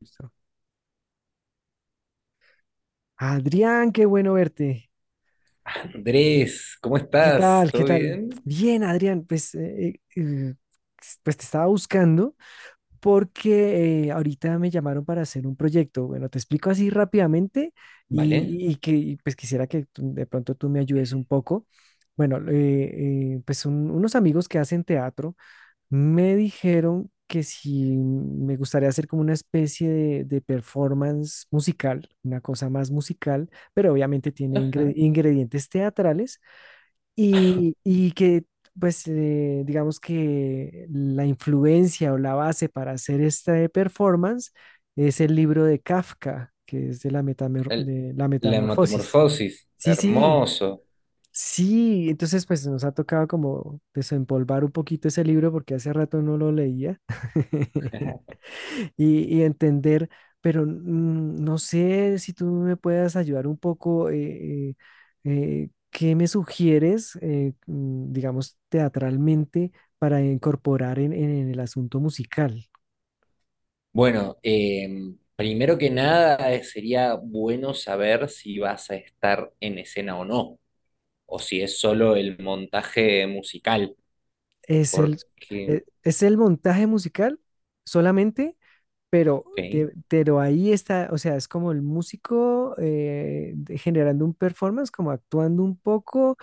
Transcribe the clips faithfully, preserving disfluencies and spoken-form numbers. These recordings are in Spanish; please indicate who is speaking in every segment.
Speaker 1: Listo. Adrián, qué bueno verte.
Speaker 2: Andrés, ¿cómo
Speaker 1: ¿Qué
Speaker 2: estás?
Speaker 1: tal? ¿Qué
Speaker 2: ¿Todo
Speaker 1: tal?
Speaker 2: bien?
Speaker 1: Bien, Adrián, pues, eh, eh, pues te estaba buscando porque eh, ahorita me llamaron para hacer un proyecto. Bueno, te explico así rápidamente
Speaker 2: Vale.
Speaker 1: y, y que y, pues quisiera que tú- de pronto tú me ayudes un poco. Bueno, eh, eh, pues son unos amigos que hacen teatro. Me dijeron que si me gustaría hacer como una especie de, de performance musical, una cosa más musical, pero obviamente tiene ingre-
Speaker 2: Ajá.
Speaker 1: ingredientes teatrales y, y que pues eh, digamos que la influencia o la base para hacer esta performance es el libro de Kafka, que es de la, metamer-
Speaker 2: El-
Speaker 1: de la
Speaker 2: la
Speaker 1: metamorfosis.
Speaker 2: metamorfosis,
Speaker 1: Sí, sí.
Speaker 2: hermoso.
Speaker 1: Sí, entonces pues nos ha tocado como desempolvar un poquito ese libro porque hace rato no lo leía y, y entender, pero mm, no sé si tú me puedas ayudar un poco, eh, eh, eh, ¿qué me sugieres, eh, mm, digamos, teatralmente para incorporar en, en- en el asunto musical?
Speaker 2: Bueno, em, primero que nada eh, sería bueno saber si vas a estar en escena o no, o si es solo el montaje musical,
Speaker 1: ¿Es el,
Speaker 2: porque...
Speaker 1: eh, es el montaje musical solamente? Pero,
Speaker 2: Ok.
Speaker 1: te- pero ahí está, o sea, es como el músico eh, de- generando un performance, como actuando un poco,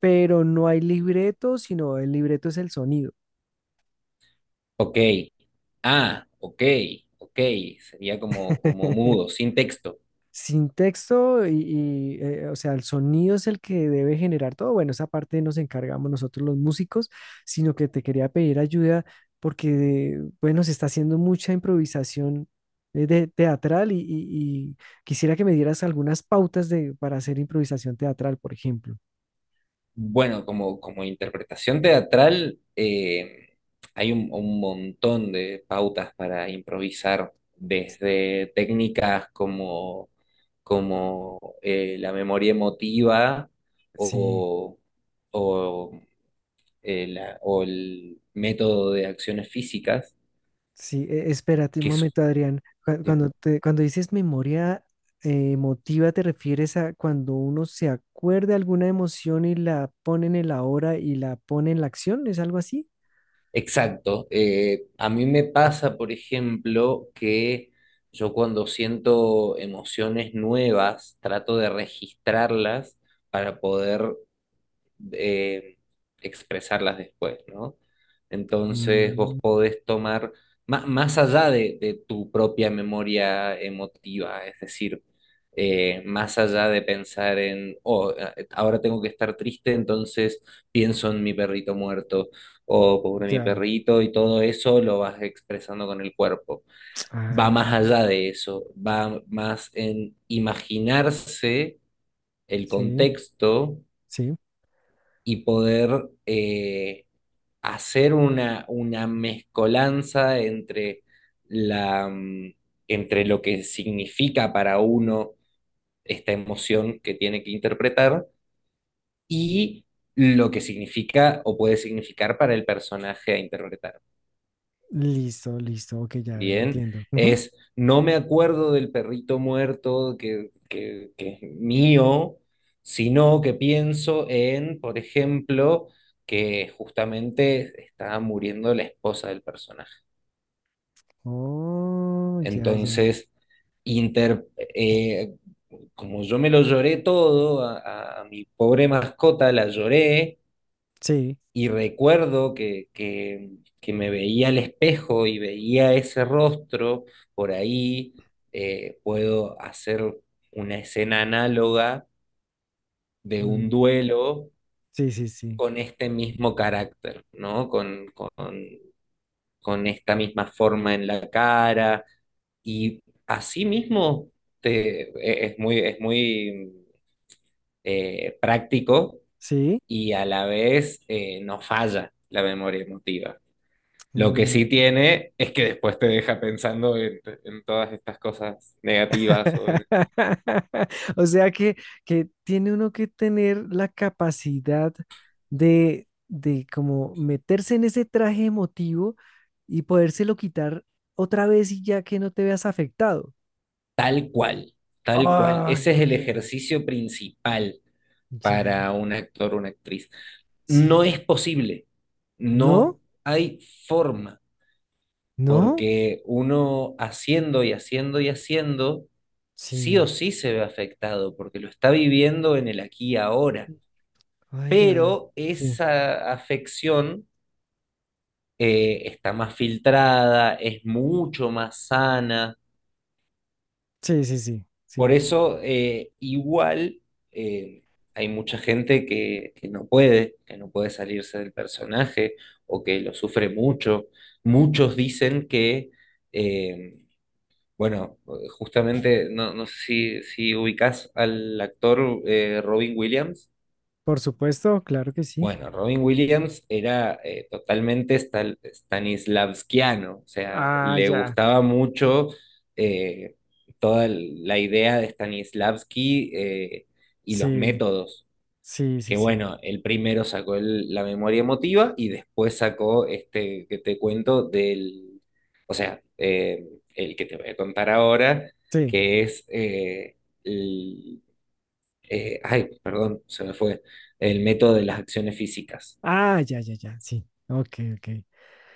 Speaker 1: pero no hay libreto, sino el libreto es el sonido.
Speaker 2: Ok. Ah, ok, ok. Sería como, como mudo, sin texto.
Speaker 1: Sin texto y, y, eh, o sea, el sonido es el que debe generar todo. Bueno, esa parte nos encargamos nosotros los músicos, sino que te quería pedir ayuda porque, bueno, se está haciendo mucha improvisación eh, de, teatral y, y- y quisiera que me dieras algunas pautas de, para hacer improvisación teatral, por ejemplo.
Speaker 2: Bueno, como, como interpretación teatral, eh, hay un, un montón de pautas para improvisar, desde técnicas como, como eh, la memoria emotiva
Speaker 1: Sí.
Speaker 2: o, o, eh, la- o el método de acciones físicas,
Speaker 1: Sí, e- espérate un
Speaker 2: que es...
Speaker 1: momento, Adrián. Cu- Cuando te- cuando dices memoria eh, emotiva, ¿te refieres a cuando uno se acuerda alguna emoción y la pone en el ahora y la pone en la acción? ¿Es algo así?
Speaker 2: Exacto. Eh, a mí me pasa, por ejemplo, que yo cuando siento emociones nuevas, trato de registrarlas para poder eh, expresarlas después, ¿no? Entonces vos
Speaker 1: Mm,
Speaker 2: podés tomar, má- más allá de, de tu propia memoria emotiva, es decir, eh, más allá de pensar en, oh, eh, ahora tengo que estar triste, entonces pienso en mi perrito muerto, o pobre mi
Speaker 1: ya.
Speaker 2: perrito, y todo eso lo vas expresando con el cuerpo.
Speaker 1: Ah,
Speaker 2: Va más allá de eso, va más en imaginarse el
Speaker 1: sí,
Speaker 2: contexto
Speaker 1: sí.
Speaker 2: y poder eh, hacer una, una mezcolanza entre, la, mm, entre lo que significa para uno esta emoción que tiene que interpretar y lo que significa o puede significar para el personaje a interpretar.
Speaker 1: Listo, listo. Ok, ya
Speaker 2: Bien,
Speaker 1: entiendo. Ujú.
Speaker 2: es no me acuerdo del perrito muerto que, que, que es mío, sino que pienso en, por ejemplo, que justamente está muriendo la esposa del personaje.
Speaker 1: Oh, ya, ya.
Speaker 2: Entonces, inter- eh, como yo me lo lloré todo, a, a- a mi pobre mascota la lloré.
Speaker 1: Sí.
Speaker 2: Y recuerdo que, que, que me veía al espejo y veía ese rostro, por ahí eh, puedo hacer una escena análoga de un
Speaker 1: Mm,
Speaker 2: duelo
Speaker 1: sí, sí, sí.
Speaker 2: con este mismo carácter, ¿no? Con, con, con esta misma forma en la cara. Y así mismo te- e, es muy, es muy eh, práctico
Speaker 1: Sí.
Speaker 2: y a la vez eh, no falla la memoria emotiva. Lo que sí tiene es que después te deja pensando en, en todas estas cosas negativas o en-
Speaker 1: O sea que, que tiene uno que tener la capacidad de, de como meterse en ese traje emotivo y podérselo quitar otra vez y ya que no te veas afectado.
Speaker 2: Tal cual, tal cual.
Speaker 1: Ay,
Speaker 2: Ese es el
Speaker 1: ok.
Speaker 2: ejercicio principal
Speaker 1: Ya,
Speaker 2: para un actor o una actriz. No
Speaker 1: sí.
Speaker 2: es posible, no
Speaker 1: ¿No?
Speaker 2: hay forma,
Speaker 1: ¿No?
Speaker 2: porque uno haciendo y haciendo y haciendo, sí
Speaker 1: Sí.
Speaker 2: o sí se ve afectado, porque lo está viviendo en el aquí y ahora.
Speaker 1: Ay, ya.
Speaker 2: Pero
Speaker 1: Sí.
Speaker 2: esa afección eh, está más filtrada, es mucho más sana.
Speaker 1: Sí, sí, sí.
Speaker 2: Por
Speaker 1: Sí.
Speaker 2: eso, eh, igual, eh, hay mucha gente que, que no puede, que no puede salirse del personaje o que lo sufre mucho. Muchos dicen que, eh, bueno, justamente, no, no sé si, si ubicás al actor eh, Robin Williams.
Speaker 1: Por supuesto, claro que sí.
Speaker 2: Bueno, Robin Williams era eh, totalmente stal- stanislavskiano, o sea,
Speaker 1: Ah,
Speaker 2: le
Speaker 1: ya.
Speaker 2: gustaba mucho eh, toda el- la idea de Stanislavski eh, y los
Speaker 1: Sí,
Speaker 2: métodos,
Speaker 1: sí, sí,
Speaker 2: que
Speaker 1: sí.
Speaker 2: bueno, él primero sacó el- la memoria emotiva y después sacó este que te cuento del, o sea, eh, el que te voy a contar ahora,
Speaker 1: Sí.
Speaker 2: que es, eh, el- eh, ay, perdón, se me fue, el método de las acciones físicas,
Speaker 1: Ah, ya, ya, ya, sí. Ok, ok.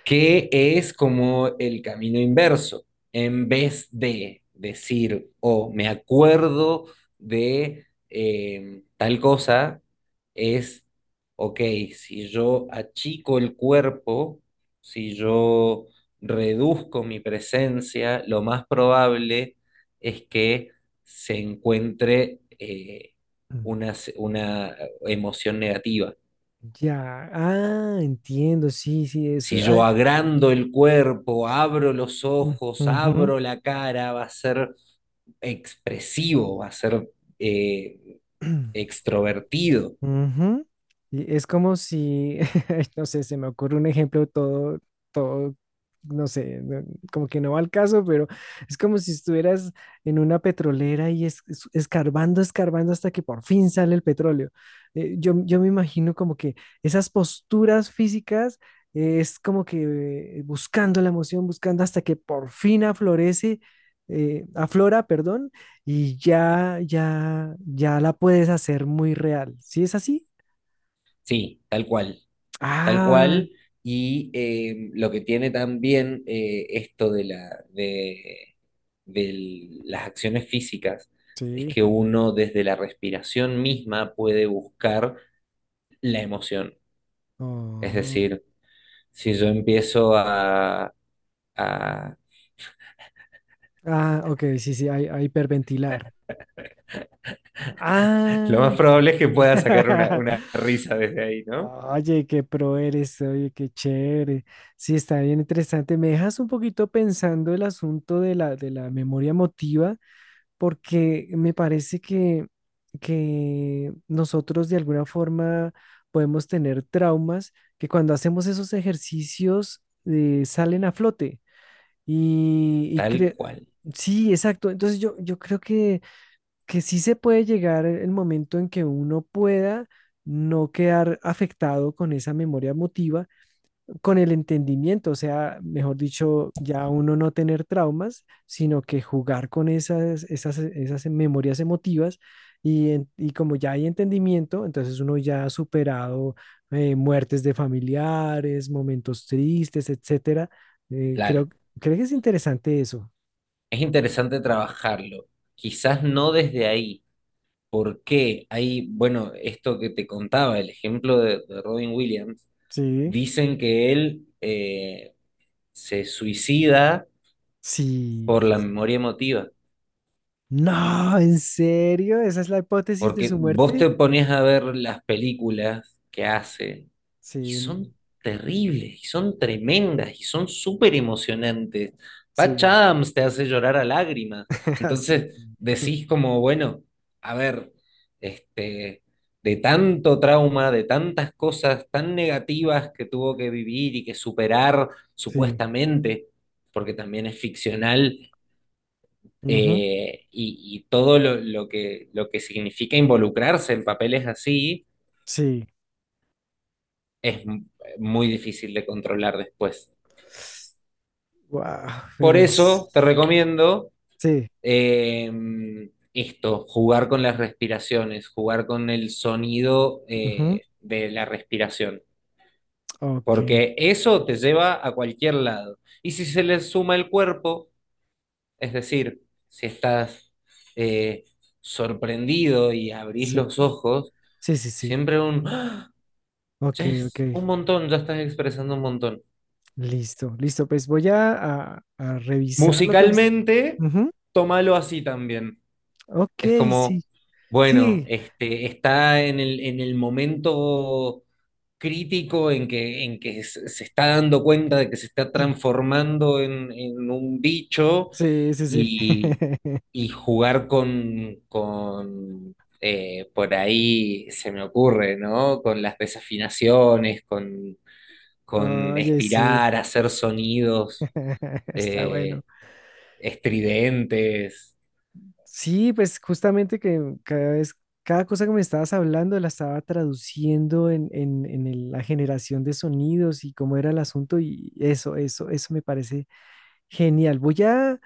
Speaker 2: que es como el camino inverso. En vez de decir, oh, me acuerdo de eh, tal cosa, es, ok, si yo achico el cuerpo, si yo reduzco mi presencia, lo más probable es que se encuentre eh,
Speaker 1: Mm,
Speaker 2: una, una emoción negativa.
Speaker 1: ya, ah, entiendo, sí, sí, eso.
Speaker 2: Si
Speaker 1: Ah,
Speaker 2: yo agrando el cuerpo, abro los
Speaker 1: mm,
Speaker 2: ojos,
Speaker 1: ujú.
Speaker 2: abro la cara, va a ser expresivo, va a ser eh, extrovertido.
Speaker 1: Ujú. Y es como si, no sé, se me ocurre un ejemplo todo, todo, no sé, no- como que no va al caso, pero es como si estuvieras en una petrolera y es, es- escarbando, escarbando hasta que por fin sale el petróleo. Eh, yo, yo me imagino como que esas posturas físicas eh, es como que eh, buscando la emoción, buscando hasta que por fin aflorece, eh, aflora, perdón, y ya, ya, ya la puedes hacer muy real. ¿Sí es así?
Speaker 2: Sí, tal cual, tal
Speaker 1: Ah,
Speaker 2: cual. Y eh, lo que tiene también eh, esto de, la, de, de las acciones físicas es
Speaker 1: Sí.
Speaker 2: que uno desde la respiración misma puede buscar la emoción. Es
Speaker 1: Oh,
Speaker 2: decir, si yo empiezo a a
Speaker 1: ah, ok, sí, sí, hay, hay hiperventilar.
Speaker 2: lo más
Speaker 1: Ah,
Speaker 2: probable es que pueda sacar una, una risa desde ahí, ¿no?
Speaker 1: oye, qué pro eres, oye, qué chévere. Sí, está bien interesante. Me dejas un poquito pensando el asunto de la, de la memoria emotiva, porque me parece que, que nosotros de alguna forma podemos tener traumas que cuando hacemos esos ejercicios eh, salen a flote. Y, y
Speaker 2: Tal
Speaker 1: cre-
Speaker 2: cual,
Speaker 1: sí, exacto. Entonces yo, yo creo que, que sí se puede llegar el momento en que uno pueda no quedar afectado con esa memoria emotiva con el entendimiento, o sea, mejor dicho, ya uno no tener traumas, sino que jugar con esas, esas, esas memorias emotivas y, en- y como ya hay entendimiento, entonces uno ya ha superado eh, muertes de familiares, momentos tristes, etcétera. Eh,
Speaker 2: claro.
Speaker 1: creo, creo que es interesante eso.
Speaker 2: Es interesante trabajarlo. Quizás no desde ahí. ¿Por qué? Hay, bueno, esto que te contaba, el ejemplo de, de Robin Williams,
Speaker 1: Sí,
Speaker 2: dicen que él eh, se suicida
Speaker 1: sí,
Speaker 2: por
Speaker 1: sí,
Speaker 2: la
Speaker 1: sí.
Speaker 2: memoria emotiva.
Speaker 1: No, ¿en serio? ¿Esa es la hipótesis de
Speaker 2: Porque
Speaker 1: su
Speaker 2: vos te
Speaker 1: muerte?
Speaker 2: pones a ver las películas que hace y
Speaker 1: Sí,
Speaker 2: son terribles, y son tremendas, y son súper emocionantes. Patch
Speaker 1: sí,
Speaker 2: Adams te hace llorar a lágrimas.
Speaker 1: sí,
Speaker 2: Entonces decís como, bueno, a ver, este, de tanto trauma, de tantas cosas tan negativas que tuvo que vivir y que superar
Speaker 1: sí.
Speaker 2: supuestamente, porque también es ficcional
Speaker 1: Ujú,
Speaker 2: eh, y, y todo lo, lo que, lo que significa involucrarse en papeles así
Speaker 1: sí.
Speaker 2: es m- muy difícil de controlar después.
Speaker 1: Wow,
Speaker 2: Por
Speaker 1: pero es...
Speaker 2: eso te recomiendo
Speaker 1: Sí,
Speaker 2: eh, esto, jugar con las respiraciones, jugar con el sonido
Speaker 1: ujú,
Speaker 2: eh, de la respiración,
Speaker 1: ok,
Speaker 2: porque eso te lleva a cualquier lado. Y si se le suma el cuerpo, es decir, si estás eh, sorprendido y abrís
Speaker 1: sí,
Speaker 2: los ojos,
Speaker 1: sí, sí, sí,
Speaker 2: siempre un... ¡Ah!
Speaker 1: ok,
Speaker 2: Ya
Speaker 1: ok,
Speaker 2: es un montón, ya estás expresando un montón.
Speaker 1: listo, listo, pues voy a, a- a revisar lo que me... es-
Speaker 2: Musicalmente,
Speaker 1: ujú,
Speaker 2: tómalo así también. Es
Speaker 1: ok,
Speaker 2: como,
Speaker 1: sí,
Speaker 2: bueno,
Speaker 1: sí,
Speaker 2: este, está en el, en el momento crítico en que, en que se se está dando cuenta de que se está transformando en, en un bicho
Speaker 1: sí, sí, sí.
Speaker 2: y, y jugar con, con eh, por ahí se me ocurre, ¿no? Con las desafinaciones, con con
Speaker 1: Oye, sí,
Speaker 2: estirar, hacer sonidos
Speaker 1: está bueno.
Speaker 2: eh, estridentes.
Speaker 1: Sí, pues justamente que cada vez, cada cosa que me estabas hablando la estaba traduciendo en, en, en el- la generación de sonidos y cómo era el asunto y eso, eso, eso me parece genial. Voy a,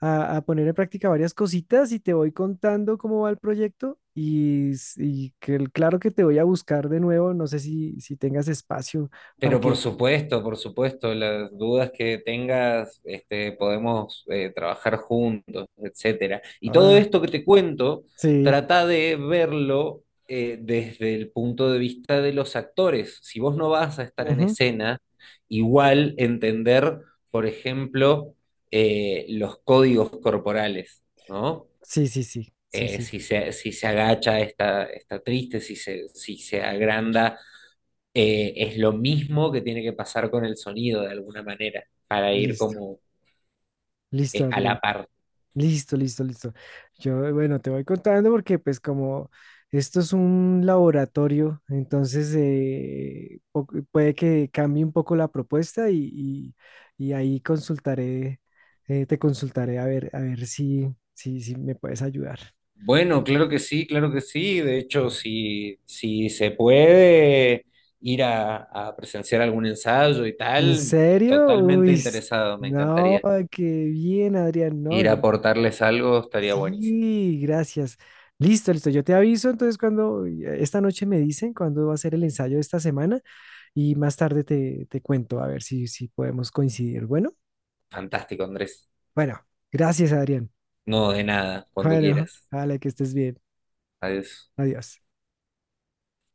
Speaker 1: a- a poner en práctica varias cositas y te voy contando cómo va el proyecto y, s- y que, el- claro que te voy a buscar de nuevo, no sé si, si tengas espacio para
Speaker 2: Pero por
Speaker 1: que...
Speaker 2: supuesto, por supuesto, las dudas que tengas, este, podemos eh, trabajar juntos, etcétera. Y todo
Speaker 1: Ah,
Speaker 2: esto que te cuento,
Speaker 1: sí,
Speaker 2: trata de verlo eh, desde el punto de vista de los actores. Si vos no vas a estar en
Speaker 1: ujú,
Speaker 2: escena, igual entender, por ejemplo, eh, los códigos corporales, ¿no?
Speaker 1: sí, sí, sí, sí,
Speaker 2: eh,
Speaker 1: sí,
Speaker 2: si se, si se agacha está, está triste, si se, si se agranda, eh, es lo mismo que tiene que pasar con el sonido de alguna manera, para ir
Speaker 1: listo,
Speaker 2: como
Speaker 1: listo,
Speaker 2: eh, a
Speaker 1: Adrián.
Speaker 2: la par.
Speaker 1: Listo, listo, listo. Yo, bueno, te voy contando porque pues como esto es un laboratorio, entonces eh, po- puede que cambie un poco la propuesta y, y- y ahí consultaré, eh, te consultaré a ver, a ver si, si, si me puedes ayudar.
Speaker 2: Bueno, claro que sí, claro que sí. De hecho, si, si se puede ir a, a presenciar algún ensayo y
Speaker 1: ¿En
Speaker 2: tal,
Speaker 1: serio?
Speaker 2: totalmente
Speaker 1: Uy, s-
Speaker 2: interesado, me
Speaker 1: no,
Speaker 2: encantaría.
Speaker 1: qué bien, Adrián. No,
Speaker 2: Ir a
Speaker 1: yo
Speaker 2: aportarles algo estaría buenísimo.
Speaker 1: sí, gracias. Listo, listo. Yo te aviso entonces cuando esta noche me dicen cuándo va a ser el ensayo de esta semana y más tarde te, te cuento a ver si, si podemos coincidir. Bueno,
Speaker 2: Fantástico, Andrés.
Speaker 1: bueno, gracias, Adrián.
Speaker 2: No, de nada, cuando
Speaker 1: Bueno,
Speaker 2: quieras.
Speaker 1: vale, que estés bien.
Speaker 2: Adiós.
Speaker 1: Adiós.